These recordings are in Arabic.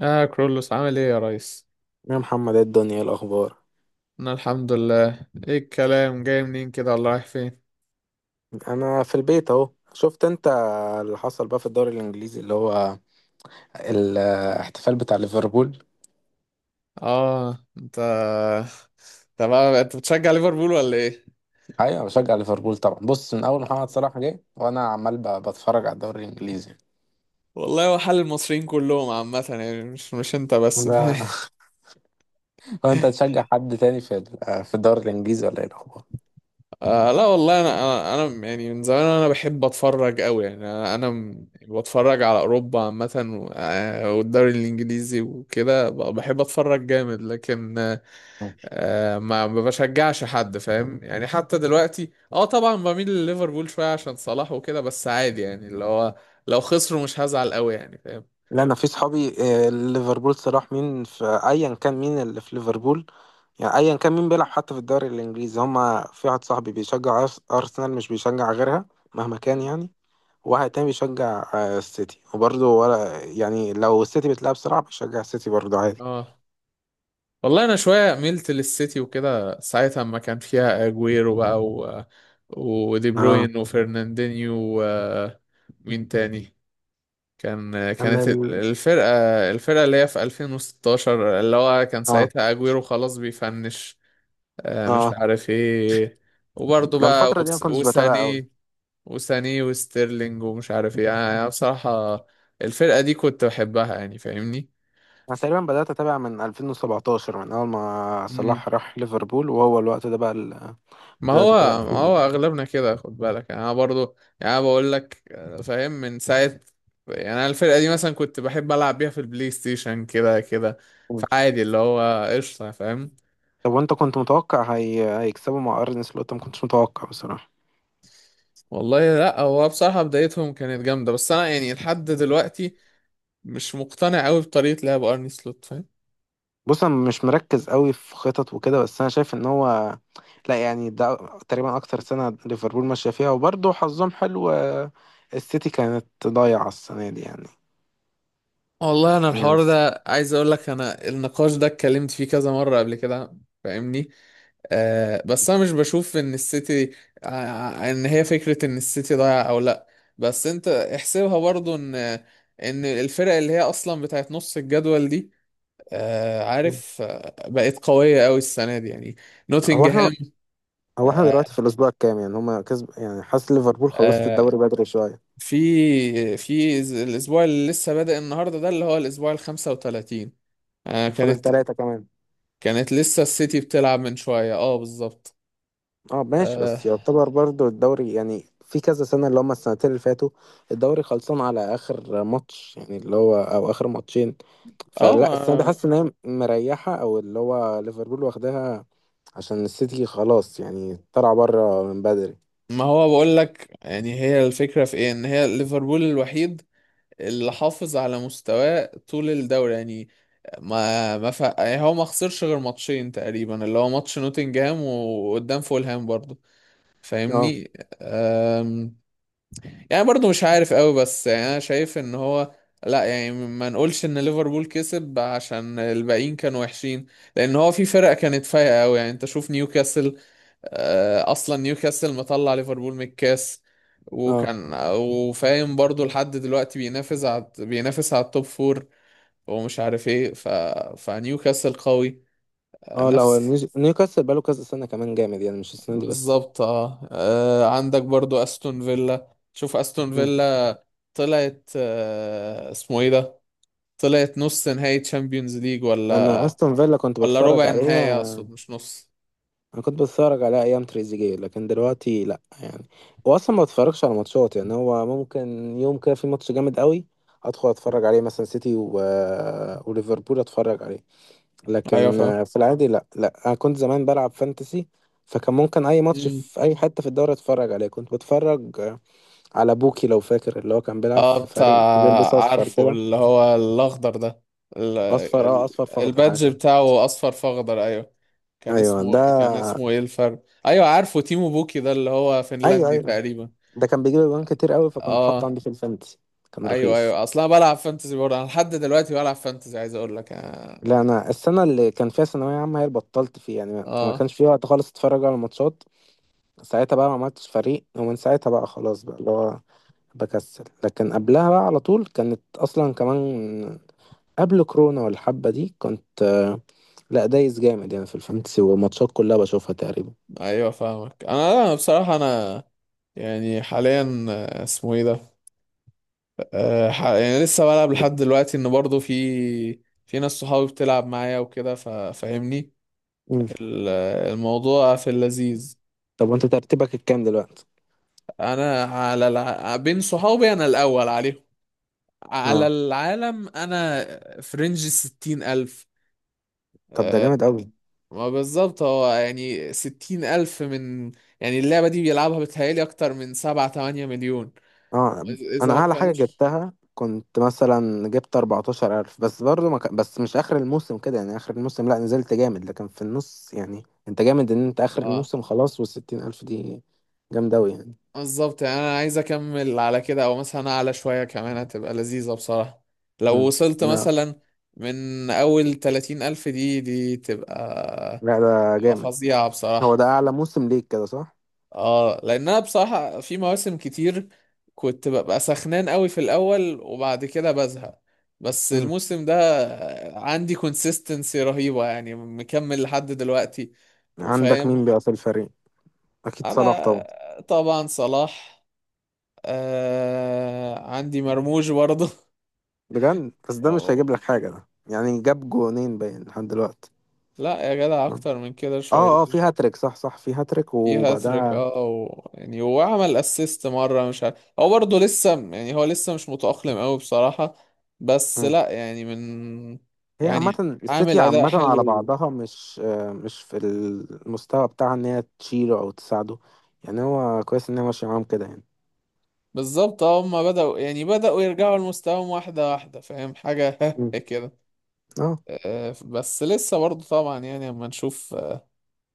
اه كرولوس، عامل ايه يا ريس؟ يا محمد، ايه الدنيا؟ إيه الاخبار؟ انا الحمد لله. ايه الكلام، جاي منين كده ولا رايح فين؟ انا في البيت اهو. شفت انت اللي حصل بقى في الدوري الانجليزي اللي هو الاحتفال بتاع ليفربول؟ اه انت انت بتشجع ليفربول ولا ايه؟ ايوه، بشجع ليفربول طبعا. بص، من اول محمد صلاح جه وانا عمال بتفرج على الدوري الانجليزي. والله هو حال المصريين كلهم عامة يعني، مش انت بس. ب- وانت تشجع حد تاني في في الدوري الانجليزي ولا ايه الاخبار؟ لا والله انا، انا أنا يعني من زمان انا بحب اتفرج قوي، يعني بتفرج على اوروبا عامه. والدوري الانجليزي وكده بحب اتفرج جامد، لكن ما بشجعش حد، فاهم يعني. حتى دلوقتي طبعا بميل لليفربول شويه عشان صلاح وكده، بس عادي يعني اللي هو لو خسروا مش هزعل قوي، يعني فاهم. لا، انا في صحابي، ليفربول صلاح مين، في ايا كان مين اللي في ليفربول. يعني ايا كان مين بيلعب حتى في الدوري الانجليزي، هما في واحد صاحبي بيشجع ارسنال، مش بيشجع غيرها مهما كان مم. يعني. وواحد تاني بيشجع السيتي، وبرضه ولا يعني لو السيتي بتلعب صلاح بيشجع السيتي برضه عادي. اه والله انا شويه ميلت للسيتي وكده ساعتها، اما كان فيها اجويرو بقى ودي اه. بروين وفرناندينيو، ومين تاني. كان انا كانت ال... الفرقه الفرقه اللي هي في 2016، اللي هو كان اه، ساعتها اجويرو خلاص بيفنش، مش اه، عارف ايه. وبرضه لا، بقى الفترة دي ما وس- كنتش بتابع قوي. وساني وساني وستيرلينج ومش عارف ايه، يعني انا بصراحة الفرقة دي كنت بحبها يعني فاهمني. انا تقريبا بدأت اتابع من 2017، من اول ما مم. صلاح راح ليفربول، وهو الوقت ده بقى اللي ما بدأت اتابع هو ما فيه. هو اغلبنا كده، خد بالك. يعني انا برضه، يعني انا بقول لك فاهم من ساعة. يعني انا الفرقة دي مثلا كنت بحب العب بيها في البلاي ستيشن كده كده، فعادي اللي هو قشطة فاهم. طب وانت كنت متوقع هيكسبوا مع ارن سلوت؟ ما كنتش متوقع بصراحه. والله لا، هو بصراحة بدايتهم كانت جامدة، بس انا يعني لحد دلوقتي مش مقتنع قوي بطريقة لعب ارني سلوت، فاهم. بص، انا مش مركز قوي في خطط وكده، بس انا شايف ان هو، لا يعني، ده تقريبا اكتر سنه ليفربول ماشيه فيها وبرضه حظهم حلو. السيتي كانت ضايعه السنه دي يعني. والله انا الحوار يس. ده، عايز اقول لك انا النقاش ده اتكلمت فيه كذا مره قبل كده، فاهمني. بس انا مش بشوف ان السيتي، ان هي فكره ان السيتي ضايع او لا. بس انت احسبها برضو ان الفرق اللي هي اصلا بتاعت نص الجدول دي، عارف، بقت قويه قوي السنه دي يعني. هو احنا نوتنجهام. هو احنا دلوقتي في آه الاسبوع الكام يعني؟ هما كسب يعني، حاسس ليفربول خلصت آه، الدوري بدري شويه. في الاسبوع اللي لسه بادئ النهارده ده، اللي هو الاسبوع ال 35. آه فاضل كانت 3 كمان. كانت لسه السيتي بتلعب من شوية، بالظبط. اه ماشي، اه بس يعتبر برضو الدوري يعني في كذا سنة، اللي هما السنتين اللي فاتوا الدوري خلصان على آخر ماتش، يعني اللي هو أو آخر ماتشين. فلا، السنة دي ما حاسس إن هي مريحة، أو اللي هو ليفربول واخداها عشان السيتي خلاص يعني طلع بره من بدري. ما هو بقول لك يعني، هي الفكرة في ايه، ان هي ليفربول الوحيد اللي حافظ على مستواه طول الدوري يعني. ما ما ف... يعني هو ما خسرش غير ماتشين تقريبا، اللي هو ماتش نوتنجهام وقدام فولهام برضه، اه، فاهمني. يعني برضو مش عارف قوي، بس يعني انا شايف ان هو، لا يعني ما نقولش ان ليفربول كسب عشان الباقيين كانوا وحشين. لان هو في فرق كانت فايقه قوي، يعني انت شوف نيوكاسل، اصلا نيوكاسل مطلع ليفربول من الكاس. اه، وكان وفاهم برضو لحد دلوقتي بينافس على التوب فور ومش عارف ايه، فنيوكاسل قوي، آه، اه، لا هو نفس نيوكاسل بقاله كذا سنة كمان جامد يعني، مش السنة دي بس. بالظبط. عندك برضو استون فيلا، شوف استون مم. فيلا طلعت، اسمه ايه ده، طلعت نص نهائي تشامبيونز ليج، أنا ولا أستون فيلا كنت ولا بتفرج ربع نهائي، عليها، اقصد مش نص. انا كنت بتفرج على ايام تريزيجيه، لكن دلوقتي لا يعني. واصلا ما بتفرجش على ماتشات. يعني هو ممكن يوم كده في ماتش جامد قوي ادخل اتفرج عليه، مثلا سيتي وليفربول اتفرج عليه. ايوه لكن فاهم. في العادي لا، لا، انا كنت زمان بلعب فانتسي، فكان ممكن اي ماتش مم. في اي حته في الدوري اتفرج عليه، كنت بتفرج على بوكي لو فاكر، اللي هو كان بيلعب اه في بتاع، فريق بيلبس اصفر عارفه كده. اللي هو الاخضر ده، ال- اصفر، اه، ال- اصفر في اخضر حاجه البادج كده. بتاعه اصفر فاخضر، ايوه. كان ايوه اسمه ده. كان اسمه ايه الفرق، ايوه عارفه، تيمو بوكي ده اللي هو ايوه، فنلندي ايوه، تقريبا. ده كان بيجيب اجوان كتير قوي، فكنت حاطه اه عندي في الفانتسي. كان ايوه رخيص. ايوه، اصلا بلعب فانتزي برضه، انا لحد دلوقتي بلعب فانتزي عايز اقول لك، لا، انا السنه اللي كان فيها ثانويه عامه هي اللي بطلت فيها يعني، ما آه، كانش في وقت خالص اتفرج على الماتشات. ساعتها بقى ما عملتش فريق، ومن ساعتها بقى خلاص بقى اللي هو بكسل. لكن قبلها بقى على طول كانت اصلا كمان قبل كورونا والحبه دي كنت، لا دايس جامد يعني في الفانتسي والماتشات كلها بشوفها تقريبا. ايوه فاهمك. انا بصراحه يعني حاليا، اسمه ايه ده. يعني لسه بلعب لحد بت- دلوقتي، ان برضه في ناس صحابي بتلعب معايا وكده ففاهمني. مم. ال- الموضوع في اللذيذ. طب وانت ترتيبك الكام دلوقتي؟ انا على بين صحابي انا الاول عليهم، على اه، العالم انا، في رينج الستين الف. طب ده آه، جامد قوي. ما بالظبط، هو يعني 60,000 من، يعني اللعبة دي بيلعبها بتهيألي أكتر من سبعة تمانية مليون. اه، إذ- إذا انا ما اعلى حاجه كانوش، جبتها كنت مثلا جبت 14000، بس برضو ما ك... بس مش اخر الموسم كده يعني، اخر الموسم لا نزلت جامد لكن في النص. يعني انت جامد ان انت اخر اه الموسم خلاص، وال60000 دي جامده قوي يعني. بالظبط. يعني أنا عايز أكمل على كده، أو مثلا أعلى شوية كمان هتبقى لذيذة بصراحة. لو مم. وصلت لا، مثلا من أول 30,000 دي دي تبقى لا، ده تبقى جامد. فظيعة هو بصراحة. ده اعلى موسم ليك كده، صح؟ اه لان انا بصراحة في مواسم كتير كنت ببقى سخنان قوي في الاول، وبعد كده بزهق. بس مم. الموسم ده عندي كونسيستنسي رهيبة، يعني مكمل لحد دلوقتي عندك وفاهم. مين بقى في الفريق؟ اكيد صلاح طبعا. انا طبعا صلاح، عندي مرموش برضه. بجد؟ بس ده مش هيجيب أوه. لك حاجه، ده يعني جاب جونين باين لحد دلوقتي. لا يا جدع، مم. اكتر من كده شوية. اه، اه، في هاتريك. صح، صح، في هاتريك في هاتريك وبعدها... يعني هو عمل اسيست مره، مش عارف، هو برضه لسه يعني هو لسه مش متأقلم قوي بصراحه. بس لا يعني، من، هي يعني عامة، عامل السيتي اداء عامة حلو على بعضها مش، مش في المستوى بتاعها ان هي تشيله او تساعده. يعني هو كويس ان هي ماشية معاهم كده يعني. بالظبط. اه هما بدأوا يرجعوا لمستواهم واحده واحده، فاهم حاجه. مم. كده. اه، بس لسه برضه طبعا، يعني اما نشوف،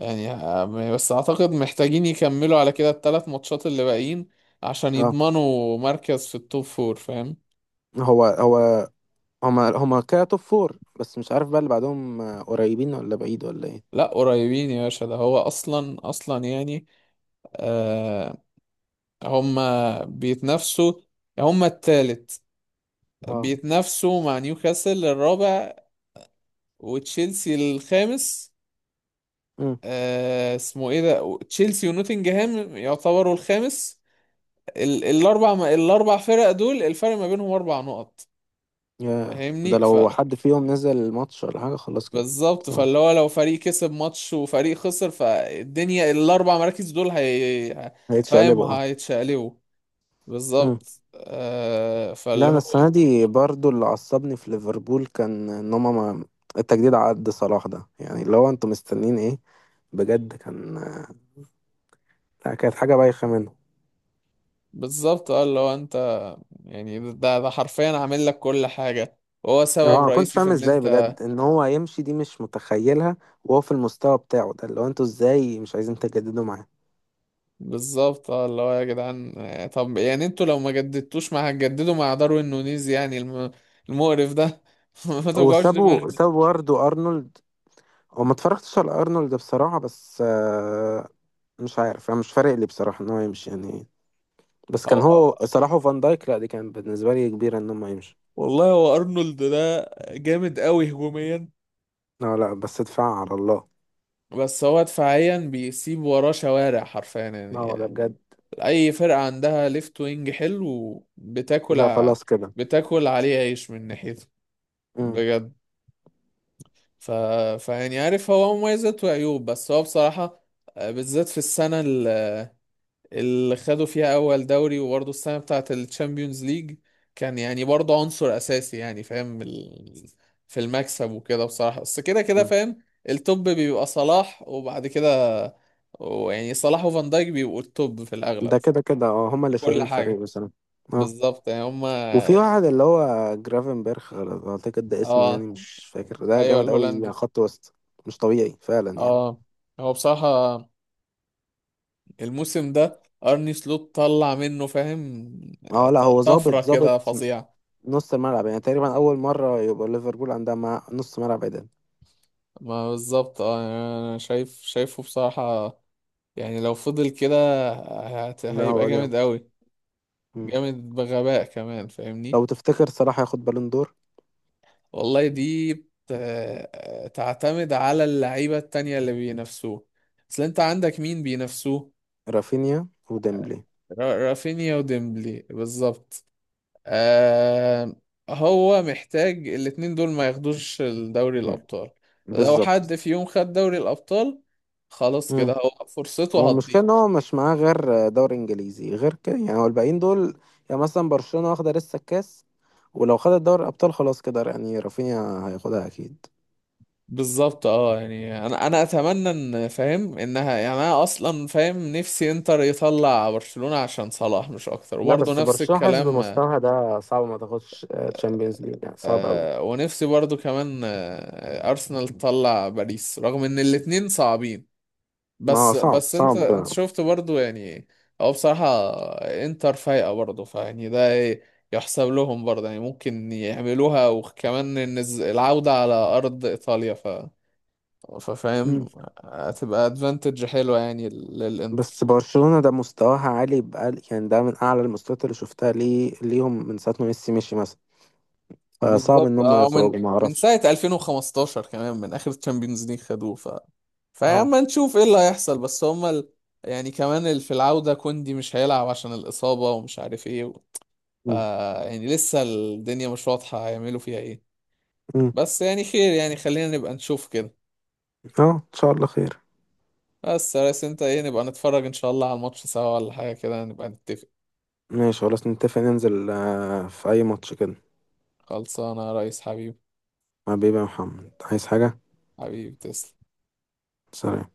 يعني آه، بس اعتقد محتاجين يكملوا على كده الثلاث ماتشات اللي باقيين عشان اه، يضمنوا مركز في التوب فور، فاهم. هو هما كده توب فور، بس مش عارف بقى اللي بعدهم، قريبين ولا بعيد ولا ايه؟ لا قريبين يا باشا، ده هو اصلا اصلا يعني، آه هما بيتنافسوا، هما التالت، اه. بيتنافسوا مع نيوكاسل الرابع وتشيلسي الخامس. امم. آه اسمه ايه ده تشيلسي ونوتنجهام يعتبروا الخامس. الاربع فرق دول، الفرق ما بينهم اربع نقط، يا ده فاهمني. لو حد فيهم نزل الماتش ولا حاجة خلاص كده. بالظبط، صح، فاللي هو لو فريق كسب ماتش وفريق خسر فالدنيا الاربع مراكز دول هي، فاهم، هيتشقلبوا. هيتشقلبوا. اه، بالظبط. لا فاللي انا هو السنه دي برضو اللي عصبني في ليفربول كان ان هما ما التجديد عقد صلاح ده، يعني اللي هو انتوا مستنيين ايه بجد؟ كان، لا، كانت حاجه بايخه منه. بالظبط، اللي هو انت، يعني ده حرفيا عامل لك كل حاجة وهو اه، سبب ما كنتش رئيسي في فاهم ان ازاي انت، بجد ان هو يمشي، دي مش متخيلها. وهو في المستوى بتاعه ده، اللي هو انتوا ازاي مش عايزين تجددوا معاه؟ بالظبط. اه اللي هو يا جدعان، طب يعني انتوا لو ما جددتوش مع، هتجددوا مع داروين نونيز يعني المقرف ده. ما توجعوش وسابوا دماغنا. سابوا برضه ارنولد. هو ما اتفرجتش على ارنولد بصراحه، بس مش عارف، انا مش فارق لي بصراحه ان هو يمشي يعني. بس هو كان هو آه، صلاح وفان دايك، لا دي كان بالنسبه لي كبيره ان هم يمشوا. والله هو ارنولد ده جامد قوي هجوميا، لا، لا، بس ادفع على الله. بس هو دفاعيا بيسيب وراه شوارع حرفيا. ما هو ده يعني بجد. اي فرقة عندها ليفت وينج حلو بتاكل وده خلاص كده. بتاكل عليه عيش من ناحيته امم. بجد. ف... فيعني عارف هو مميزات وعيوب، بس هو بصراحة بالذات في السنة اللي خدوا فيها اول دوري، وبرضه السنة بتاعة الشامبيونز ليج كان يعني برضه عنصر اساسي، يعني فاهم في المكسب وكده بصراحة، بس كده كده أمم. فاهم. التوب بيبقى صلاح، وبعد كده ويعني صلاح وفان دايك بيبقوا التوب في ده الاغلب في كده كده، اه، هما اللي كل شايلين الفريق حاجة. بصراحة. اه، بالظبط، يعني هما، وفي واحد اللي هو جرافنبرخ اعتقد ده اسمه، اه يعني مش فاكر، ده ايوه جامد قوي يعني، الهولندي. خط وسط. مش طبيعي فعلا يعني. اه هو بصراحة الموسم ده ارني سلوت طلع منه، فاهم، اه، لا هو ظابط، طفرة كده ظابط فظيعة. نص الملعب يعني. تقريبا مم. اول مرة يبقى ليفربول عندها مع نص ملعب عدل. ما بالظبط، يعني انا شايفه بصراحة يعني، لو فضل كده لا هيبقى هو جامد جامد. قوي، أمم. جامد بغباء كمان فاهمني. لو تفتكر صلاح هياخد بالون دور؟ والله دي تعتمد على اللعيبة التانية اللي بينافسوه، اصل انت عندك مين بينافسوه؟ رافينيا وديمبلي. رافينيا وديمبلي، بالظبط. آه هو محتاج الاتنين دول ما ياخدوش دوري أمم. الأبطال. لو بالظبط. حد في يوم خد دوري الأبطال، خلاص كده هو هو فرصته هتضيع. المشكلة ان هو مش معاه غير دوري انجليزي غير كده يعني، هو الباقيين دول. يعني مثلا برشلونة واخدة لسه الكاس، ولو خدت دوري الابطال خلاص كده يعني رافينيا هياخدها اكيد. بالظبط. اه يعني انا اتمنى ان، فاهم انها يعني، انا اصلا فاهم نفسي انتر يطلع برشلونة عشان صلاح مش اكتر، لا وبرضه بس نفس برشلونة حاسس الكلام. بمستواها ده صعب ما تاخدش تشامبيونز ليج يعني، صعب قوي. ونفسي برضه كمان ارسنال تطلع باريس، رغم ان الاتنين صعبين. ما هو بس صعب، بس انت صعب. انت شفت برضو يعني، هو بصراحة انتر فايقة برضو، فيعني ده ايه، يحسب لهم برضو يعني، ممكن يعملوها، وكمان ان العودة على ارض ايطاليا، ف مم. ففاهم هتبقى ادفانتج حلوة يعني للانتر. بس برشلونة ده مستواها عالي بقال، يعني ده من اعلى المستويات اللي شفتها ليهم من ساعة ما ميسي مشي مثلا. فصعب ان بالظبط. هم اه من يخرجوا، ما من اعرفش. ساعة 2015، كمان من اخر تشامبيونز ليج خدوه، اه. فاما نشوف ايه اللي هيحصل، بس هما يعني كمان في العودة كوندي مش هيلعب عشان الإصابة، ومش عارف ايه، ف- مم. يعني لسه الدنيا مش واضحة هيعملوا فيها ايه. مم. بس يعني خير، يعني خلينا نبقى نشوف كده. اه، ان شاء الله خير. بس يا ريس انت ايه، نبقى نتفرج ان شاء الله على الماتش سوا، ولا حاجة كده نبقى نتفق؟ ماشي، خلاص نتفق ننزل في أي ماتش كده. خلصانة يا ريس حبيبي، حبيبي يا محمد، عايز حاجة؟ حبيبي تسلم. سلام.